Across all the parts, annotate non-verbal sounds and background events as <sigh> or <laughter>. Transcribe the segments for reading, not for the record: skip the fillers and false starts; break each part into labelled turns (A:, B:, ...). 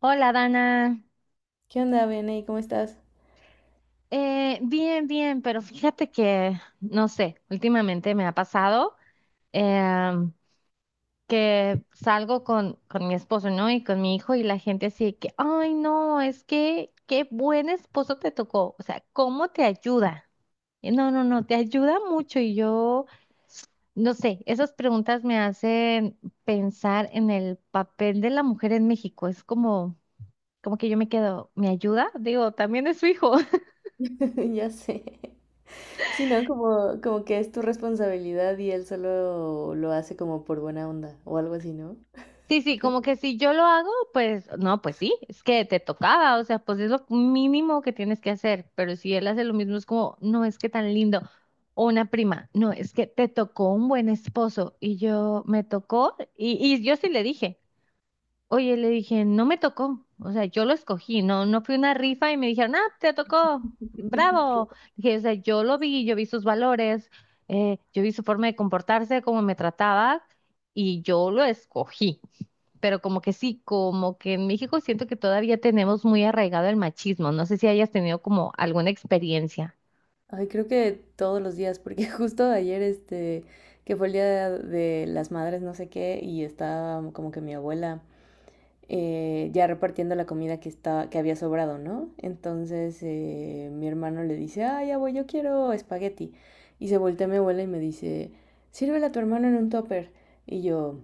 A: Hola, Dana.
B: ¿Qué onda, Vianey? ¿Cómo estás?
A: Bien, bien, pero fíjate que, no sé, últimamente me ha pasado em, que salgo con mi esposo, ¿no? Y con mi hijo y la gente así que, ay, no, es que, qué buen esposo te tocó. O sea, ¿cómo te ayuda? No, no, no, te ayuda mucho y yo, no sé, esas preguntas me hacen pensar en el papel de la mujer en México. Es como, como que yo me quedo, ¿me ayuda? Digo, también es su hijo.
B: <laughs> Ya sé. Sí, ¿no? Como, como que es tu responsabilidad y él solo lo hace como por buena onda o algo así, ¿no?
A: Sí, sí, como que si yo lo hago, pues no, pues sí, es que te tocaba, o sea, pues es lo mínimo que tienes que hacer, pero si él hace lo mismo es como, no, es que tan lindo, o una prima, no, es que te tocó un buen esposo y yo me tocó y yo sí le dije, oye, le dije, no me tocó, o sea, yo lo escogí, no, no fue una rifa y me dijeron, ah, te tocó, bravo,
B: <laughs>
A: dije, o sea, yo lo vi, yo vi sus valores, yo vi su forma de comportarse, cómo me trataba y yo lo escogí, pero como que sí, como que en México siento que todavía tenemos muy arraigado el machismo. No sé si hayas tenido como alguna experiencia.
B: Ay, creo que todos los días, porque <laughs> justo ayer, que fue el día de las madres, no sé qué, y estaba como que mi abuela. Ya repartiendo la comida que, está, que había sobrado, ¿no? Entonces mi hermano le dice, ay abuelo yo quiero espagueti. Y se voltea a mi abuela y me dice, sírvela a tu hermano en un topper. Y yo,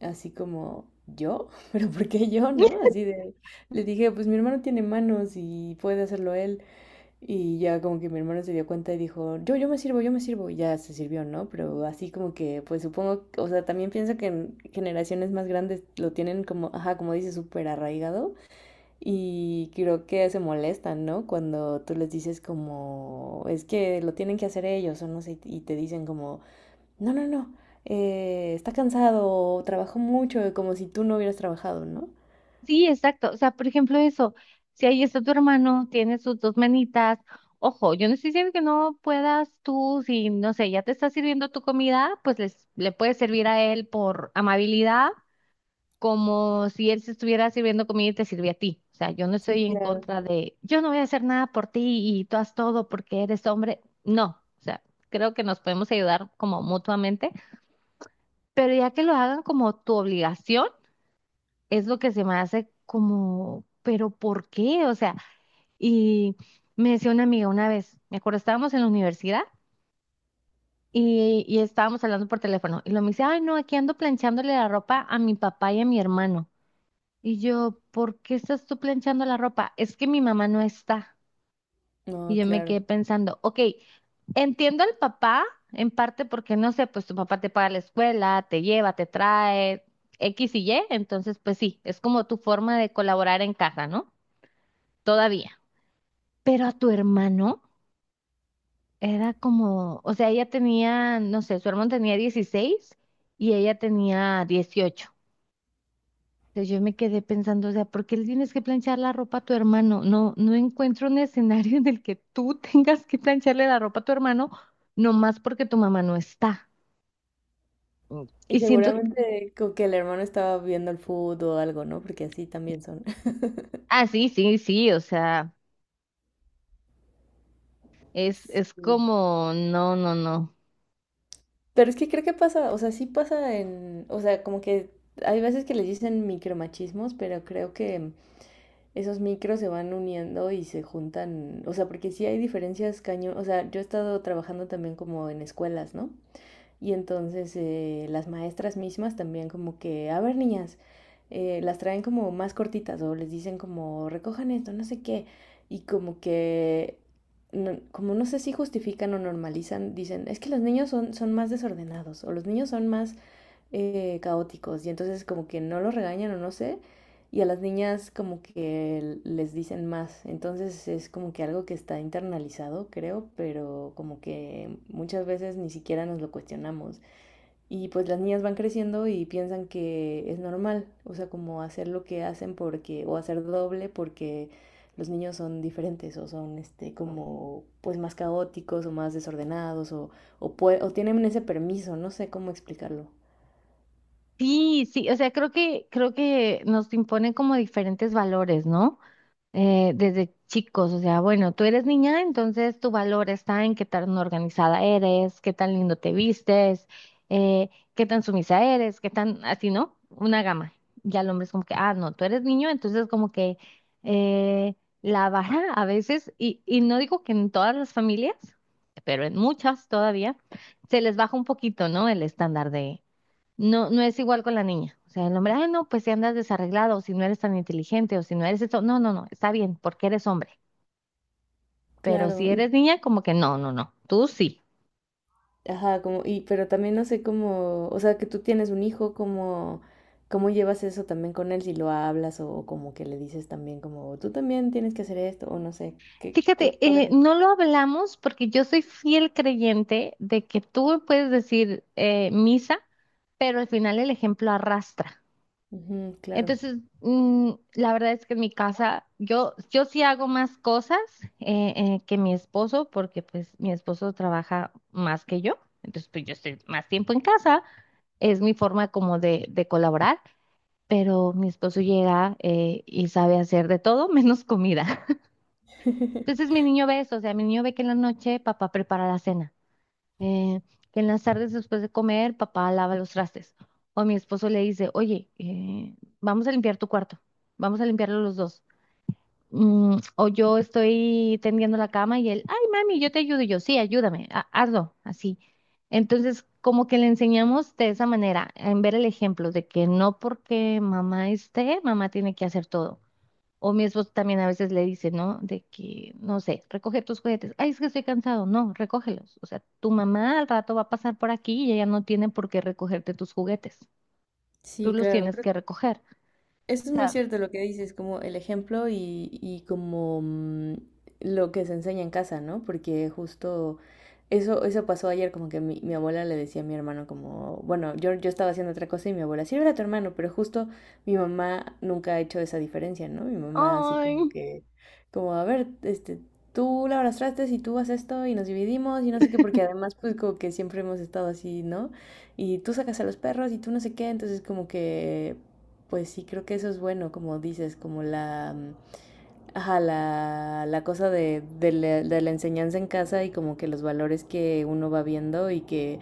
B: así como, ¿yo? <laughs> ¿Pero por qué yo, no? Así de, le dije, pues mi hermano tiene manos y puede hacerlo él. Y ya como que mi hermano se dio cuenta y dijo, yo me sirvo, yo me sirvo. Y ya se sirvió, ¿no? Pero así como que, pues supongo, o sea, también pienso que en generaciones más grandes lo tienen como, ajá, como dice, súper arraigado. Y creo que se molestan, ¿no? Cuando tú les dices como, es que lo tienen que hacer ellos o no sé, y te dicen como, no, no, no, está cansado, trabajó mucho, como si tú no hubieras trabajado, ¿no?
A: Sí, exacto. O sea, por ejemplo, eso, si ahí está tu hermano, tiene sus dos manitas, ojo, yo no estoy diciendo que no puedas tú, si no sé, ya te está sirviendo tu comida, pues les, le puedes servir a él por amabilidad, como si él se estuviera sirviendo comida y te sirve a ti. O sea, yo no
B: Sí,
A: estoy en
B: claro.
A: contra de, yo no voy a hacer nada por ti y tú haz todo porque eres hombre. No, o sea, creo que nos podemos ayudar como mutuamente, pero ya que lo hagan como tu obligación, es lo que se me hace como, pero ¿por qué? O sea, y me decía una amiga una vez, me acuerdo, estábamos en la universidad. Y estábamos hablando por teléfono. Y lo me dice, ay, no, aquí ando planchándole la ropa a mi papá y a mi hermano. Y yo, ¿por qué estás tú planchando la ropa? Es que mi mamá no está. Y
B: No,
A: yo me
B: claro.
A: quedé pensando, ok, entiendo al papá en parte porque no sé, pues tu papá te paga la escuela, te lleva, te trae X y Y, entonces pues sí, es como tu forma de colaborar en casa, ¿no? Todavía. Pero a tu hermano era como, o sea, ella tenía, no sé, su hermano tenía 16 y ella tenía 18. Entonces yo me quedé pensando, o sea, ¿por qué le tienes que planchar la ropa a tu hermano? No, no encuentro un escenario en el que tú <laughs> tengas que plancharle la ropa a tu hermano, nomás porque tu mamá no está. Mm.
B: Y
A: Y siento,
B: seguramente como que el hermano estaba viendo el fútbol o algo, ¿no? Porque así también son. <laughs>
A: ah, sí, sí, sí, o sea, es
B: Sí.
A: como, no, no, no.
B: Pero es que creo que pasa, o sea, sí pasa en, o sea, como que hay veces que les dicen micromachismos, pero creo que esos micros se van uniendo y se juntan, o sea, porque sí hay diferencias cañón, o sea, yo he estado trabajando también como en escuelas, ¿no? Y entonces las maestras mismas también como que, a ver niñas, las traen como más cortitas o les dicen como recojan esto, no sé qué. Y como que, como no sé si justifican o normalizan, dicen, es que los niños son más desordenados o los niños son más caóticos y entonces como que no los regañan o no sé, y a las niñas como que les dicen más, entonces es como que algo que está internalizado, creo, pero como que muchas veces ni siquiera nos lo cuestionamos. Y pues las niñas van creciendo y piensan que es normal, o sea, como hacer lo que hacen porque, o hacer doble porque los niños son diferentes o son este como pues más caóticos o más desordenados o, o tienen ese permiso, no sé cómo explicarlo.
A: Sí, sí, o sea, creo que nos imponen como diferentes valores, ¿no? Desde chicos, o sea, bueno, tú eres niña, entonces tu valor está en qué tan organizada eres, qué tan lindo te vistes, eh, qué tan sumisa eres, qué tan así, ¿no? Una gama. Ya el hombre es como que, ah, no, tú eres niño, entonces como que eh, la vara a veces, y no digo que en todas las familias, pero en muchas todavía, se les baja un poquito, ¿no? El estándar no, no es igual con la niña. O sea, el hombre, ay, no, pues si andas desarreglado, o si no eres tan inteligente, o si no eres esto. No, no, no, está bien, porque eres hombre. Pero si
B: Claro, y,
A: eres niña, como que no, no, no, tú sí.
B: ajá, como, y, pero también no sé cómo, o sea, que tú tienes un hijo, cómo, cómo llevas eso también con él, si lo hablas o, como que le dices también como, tú también tienes que hacer esto, o no sé, qué, qué
A: Fíjate,
B: padre.
A: no lo hablamos porque yo soy fiel creyente de que tú puedes decir misa, pero al final el ejemplo arrastra.
B: Ujú, claro.
A: Entonces, mm, la verdad es que en mi casa yo sí hago más cosas que mi esposo, porque pues mi esposo trabaja más que yo, entonces pues yo estoy más tiempo en casa, es mi forma como de colaborar, pero mi esposo llega y sabe hacer de todo menos comida. <laughs> Entonces
B: <laughs>
A: mi niño ve eso, o sea, mi niño ve que en la noche papá prepara la cena, eh, que en las tardes después de comer, papá lava los trastes. O mi esposo le dice, oye, vamos a limpiar tu cuarto, vamos a limpiarlo los dos. Mm, o yo estoy tendiendo la cama y él, ay, mami, yo te ayudo. Y yo, sí, ayúdame, hazlo, así. Entonces, como que le enseñamos de esa manera, en ver el ejemplo de que no porque mamá esté, mamá tiene que hacer todo. O mi esposo también a veces le dice, ¿no? De que, no sé, recoge tus juguetes. Ay, es que estoy cansado. No, recógelos. O sea, tu mamá al rato va a pasar por aquí y ella no tiene por qué recogerte tus juguetes. Tú
B: Sí,
A: los
B: claro,
A: tienes
B: creo
A: que recoger.
B: eso es
A: O
B: muy
A: sea,
B: cierto lo que dices, como el ejemplo y como mm, lo que se enseña en casa, ¿no? Porque justo eso, eso pasó ayer, como que mi abuela le decía a mi hermano como, bueno, yo estaba haciendo otra cosa y mi abuela, sí, era tu hermano, pero justo mi mamá nunca ha hecho esa diferencia, ¿no? Mi mamá así
A: ay.
B: como que, como, a ver, este, tú lavas trastes y tú haces esto y nos dividimos y no sé qué, porque
A: <laughs>
B: además pues como que siempre hemos estado así, ¿no? Y tú sacas a los perros y tú no sé qué, entonces como que pues sí, creo que eso es bueno, como dices, como la, mm, ajá, la, la cosa de la enseñanza en casa y como que los valores que uno va viendo y que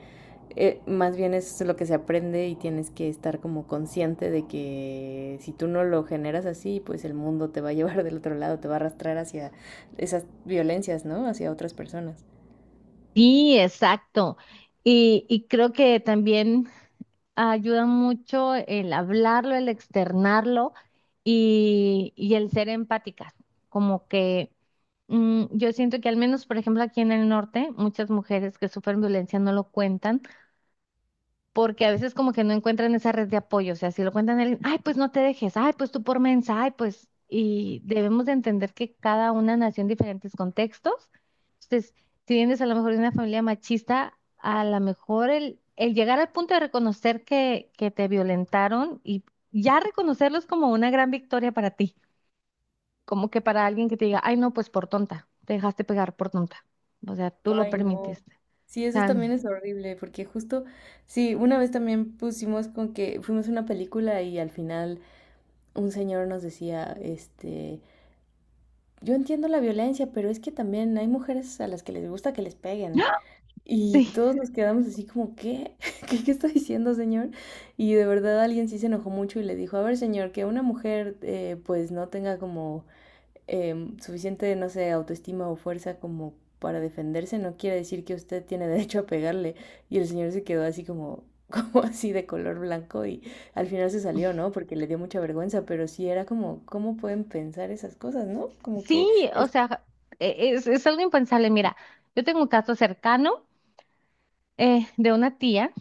B: más bien es lo que se aprende y tienes que estar como consciente de que si tú no lo generas así, pues el mundo te va a <laughs> llevar del otro lado, te va a arrastrar hacia esas violencias, ¿no? Hacia otras personas.
A: Sí, exacto. Y creo que también ayuda mucho el hablarlo, el externarlo y el ser empáticas. Como que mm, yo siento que al menos, por ejemplo, aquí en el norte, muchas mujeres que sufren violencia no lo cuentan porque a veces como que no encuentran esa red de apoyo, o sea, si lo cuentan a alguien, ay, pues no te dejes, ay, pues tú por mensa, ay, pues, y debemos de entender que cada una nació en diferentes contextos. Entonces, si vienes a lo mejor de una familia machista, a lo mejor el llegar al punto de reconocer que te violentaron y ya reconocerlo es como una gran victoria para ti, como que para alguien que te diga, ay, no, pues por tonta, te dejaste pegar por tonta, o sea, tú lo
B: Ay, no.
A: permitiste.
B: Sí,
A: O
B: eso
A: sea,
B: también es horrible, porque justo, sí, una vez también pusimos con que fuimos a una película y al final un señor nos decía, este, yo entiendo la violencia, pero es que también hay mujeres a las que les gusta que les peguen.
A: <laughs>
B: Y
A: sí,
B: todos nos quedamos así como, ¿qué? <laughs> ¿Qué, qué está diciendo, señor? Y de verdad alguien sí se enojó mucho y le dijo, a ver, señor, que una mujer pues no tenga como suficiente, no sé, autoestima o fuerza como para defenderse, no quiere decir que usted tiene <laughs> derecho a pegarle. Y el señor se quedó así como, <laughs> como así de color blanco y al final se salió, ¿no? Porque le dio mucha vergüenza, pero sí era como, ¿cómo pueden pensar esas cosas, ¿no? Como que
A: Sí, o
B: es...
A: sea, es algo impensable. Mira, yo tengo un caso cercano de una tía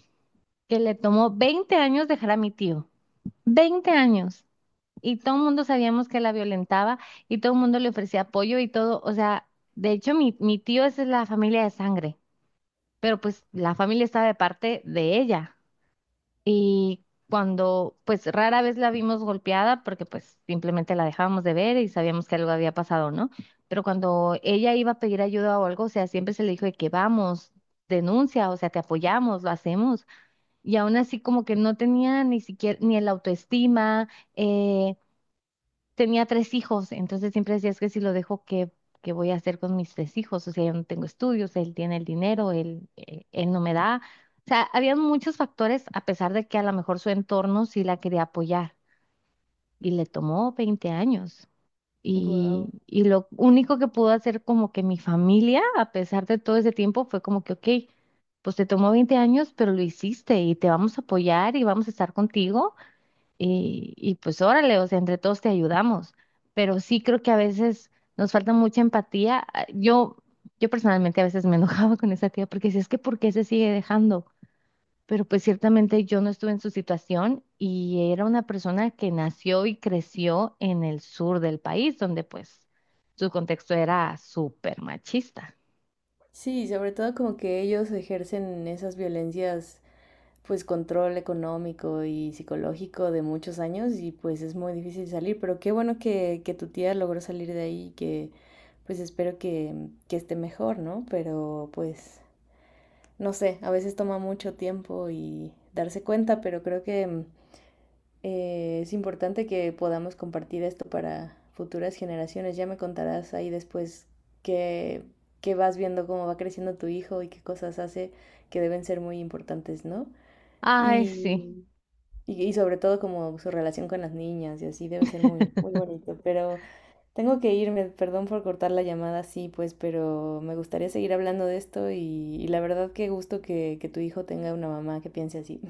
A: que le tomó 20 años dejar a mi tío. 20 años. Y todo el mundo sabíamos que la violentaba y todo el mundo le ofrecía apoyo y todo. O sea, de hecho, mi tío es de la familia de sangre, pero pues la familia está de parte de ella. Y cuando, pues rara vez la vimos golpeada porque pues simplemente la dejábamos de ver y sabíamos que algo había pasado, ¿no? Pero cuando ella iba a pedir ayuda o algo, o sea, siempre se le dijo de que vamos, denuncia, o sea, te apoyamos, lo hacemos. Y aún así como que no tenía ni siquiera ni el autoestima, eh, tenía 3 hijos, entonces siempre decía, es que si lo dejo, ¿qué, qué voy a hacer con mis 3 hijos? O sea, yo no tengo estudios, él tiene el dinero, él, él no me da. O sea, había muchos factores, a pesar de que a lo mejor su entorno sí la quería apoyar y le tomó 20 años.
B: Wow.
A: Y lo único que pudo hacer como que mi familia, a pesar de todo ese tiempo, fue como que, ok, pues te tomó 20 años, pero lo hiciste y te vamos a apoyar y vamos a estar contigo y pues órale, o sea, entre todos te ayudamos, pero sí creo que a veces nos falta mucha empatía. Ah, Yo personalmente a veces me <laughs> enojaba con esa tía porque decía, es que ¿por qué se sigue dejando? Pero pues ciertamente yo no estuve en su situación y era una persona que nació y creció en el sur del país, donde pues su contexto era súper machista.
B: Sí, sobre todo como que ellos ejercen esas violencias pues control económico y psicológico de muchos años y pues es muy difícil salir, pero qué bueno que tu tía logró salir de ahí y que pues espero que esté mejor, ¿no? Pero pues no sé, a veces toma mucho tiempo y darse cuenta, pero creo que es importante que podamos compartir esto para futuras generaciones. Ya me contarás ahí después que que vas viendo, cómo va creciendo tu hijo y qué cosas hace que deben ser muy importantes, ¿no?
A: Ay, sí.
B: Y y sobre todo como su relación con las niñas y así debe ser muy, muy bonito. Pero tengo que irme, perdón por cortar la llamada así, pues, pero me gustaría seguir hablando de esto y la verdad qué gusto que tu hijo tenga una mamá que piense así.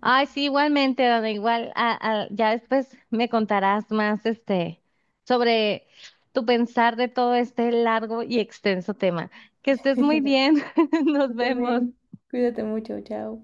A: Ay, sí, igualmente, Dana, igual, ya después me contarás más, este, sobre tu pensar de todo este largo y extenso tema. Que estés muy
B: <laughs>
A: bien, <laughs> nos
B: Tú también.
A: vemos.
B: Cuídate mucho, chao.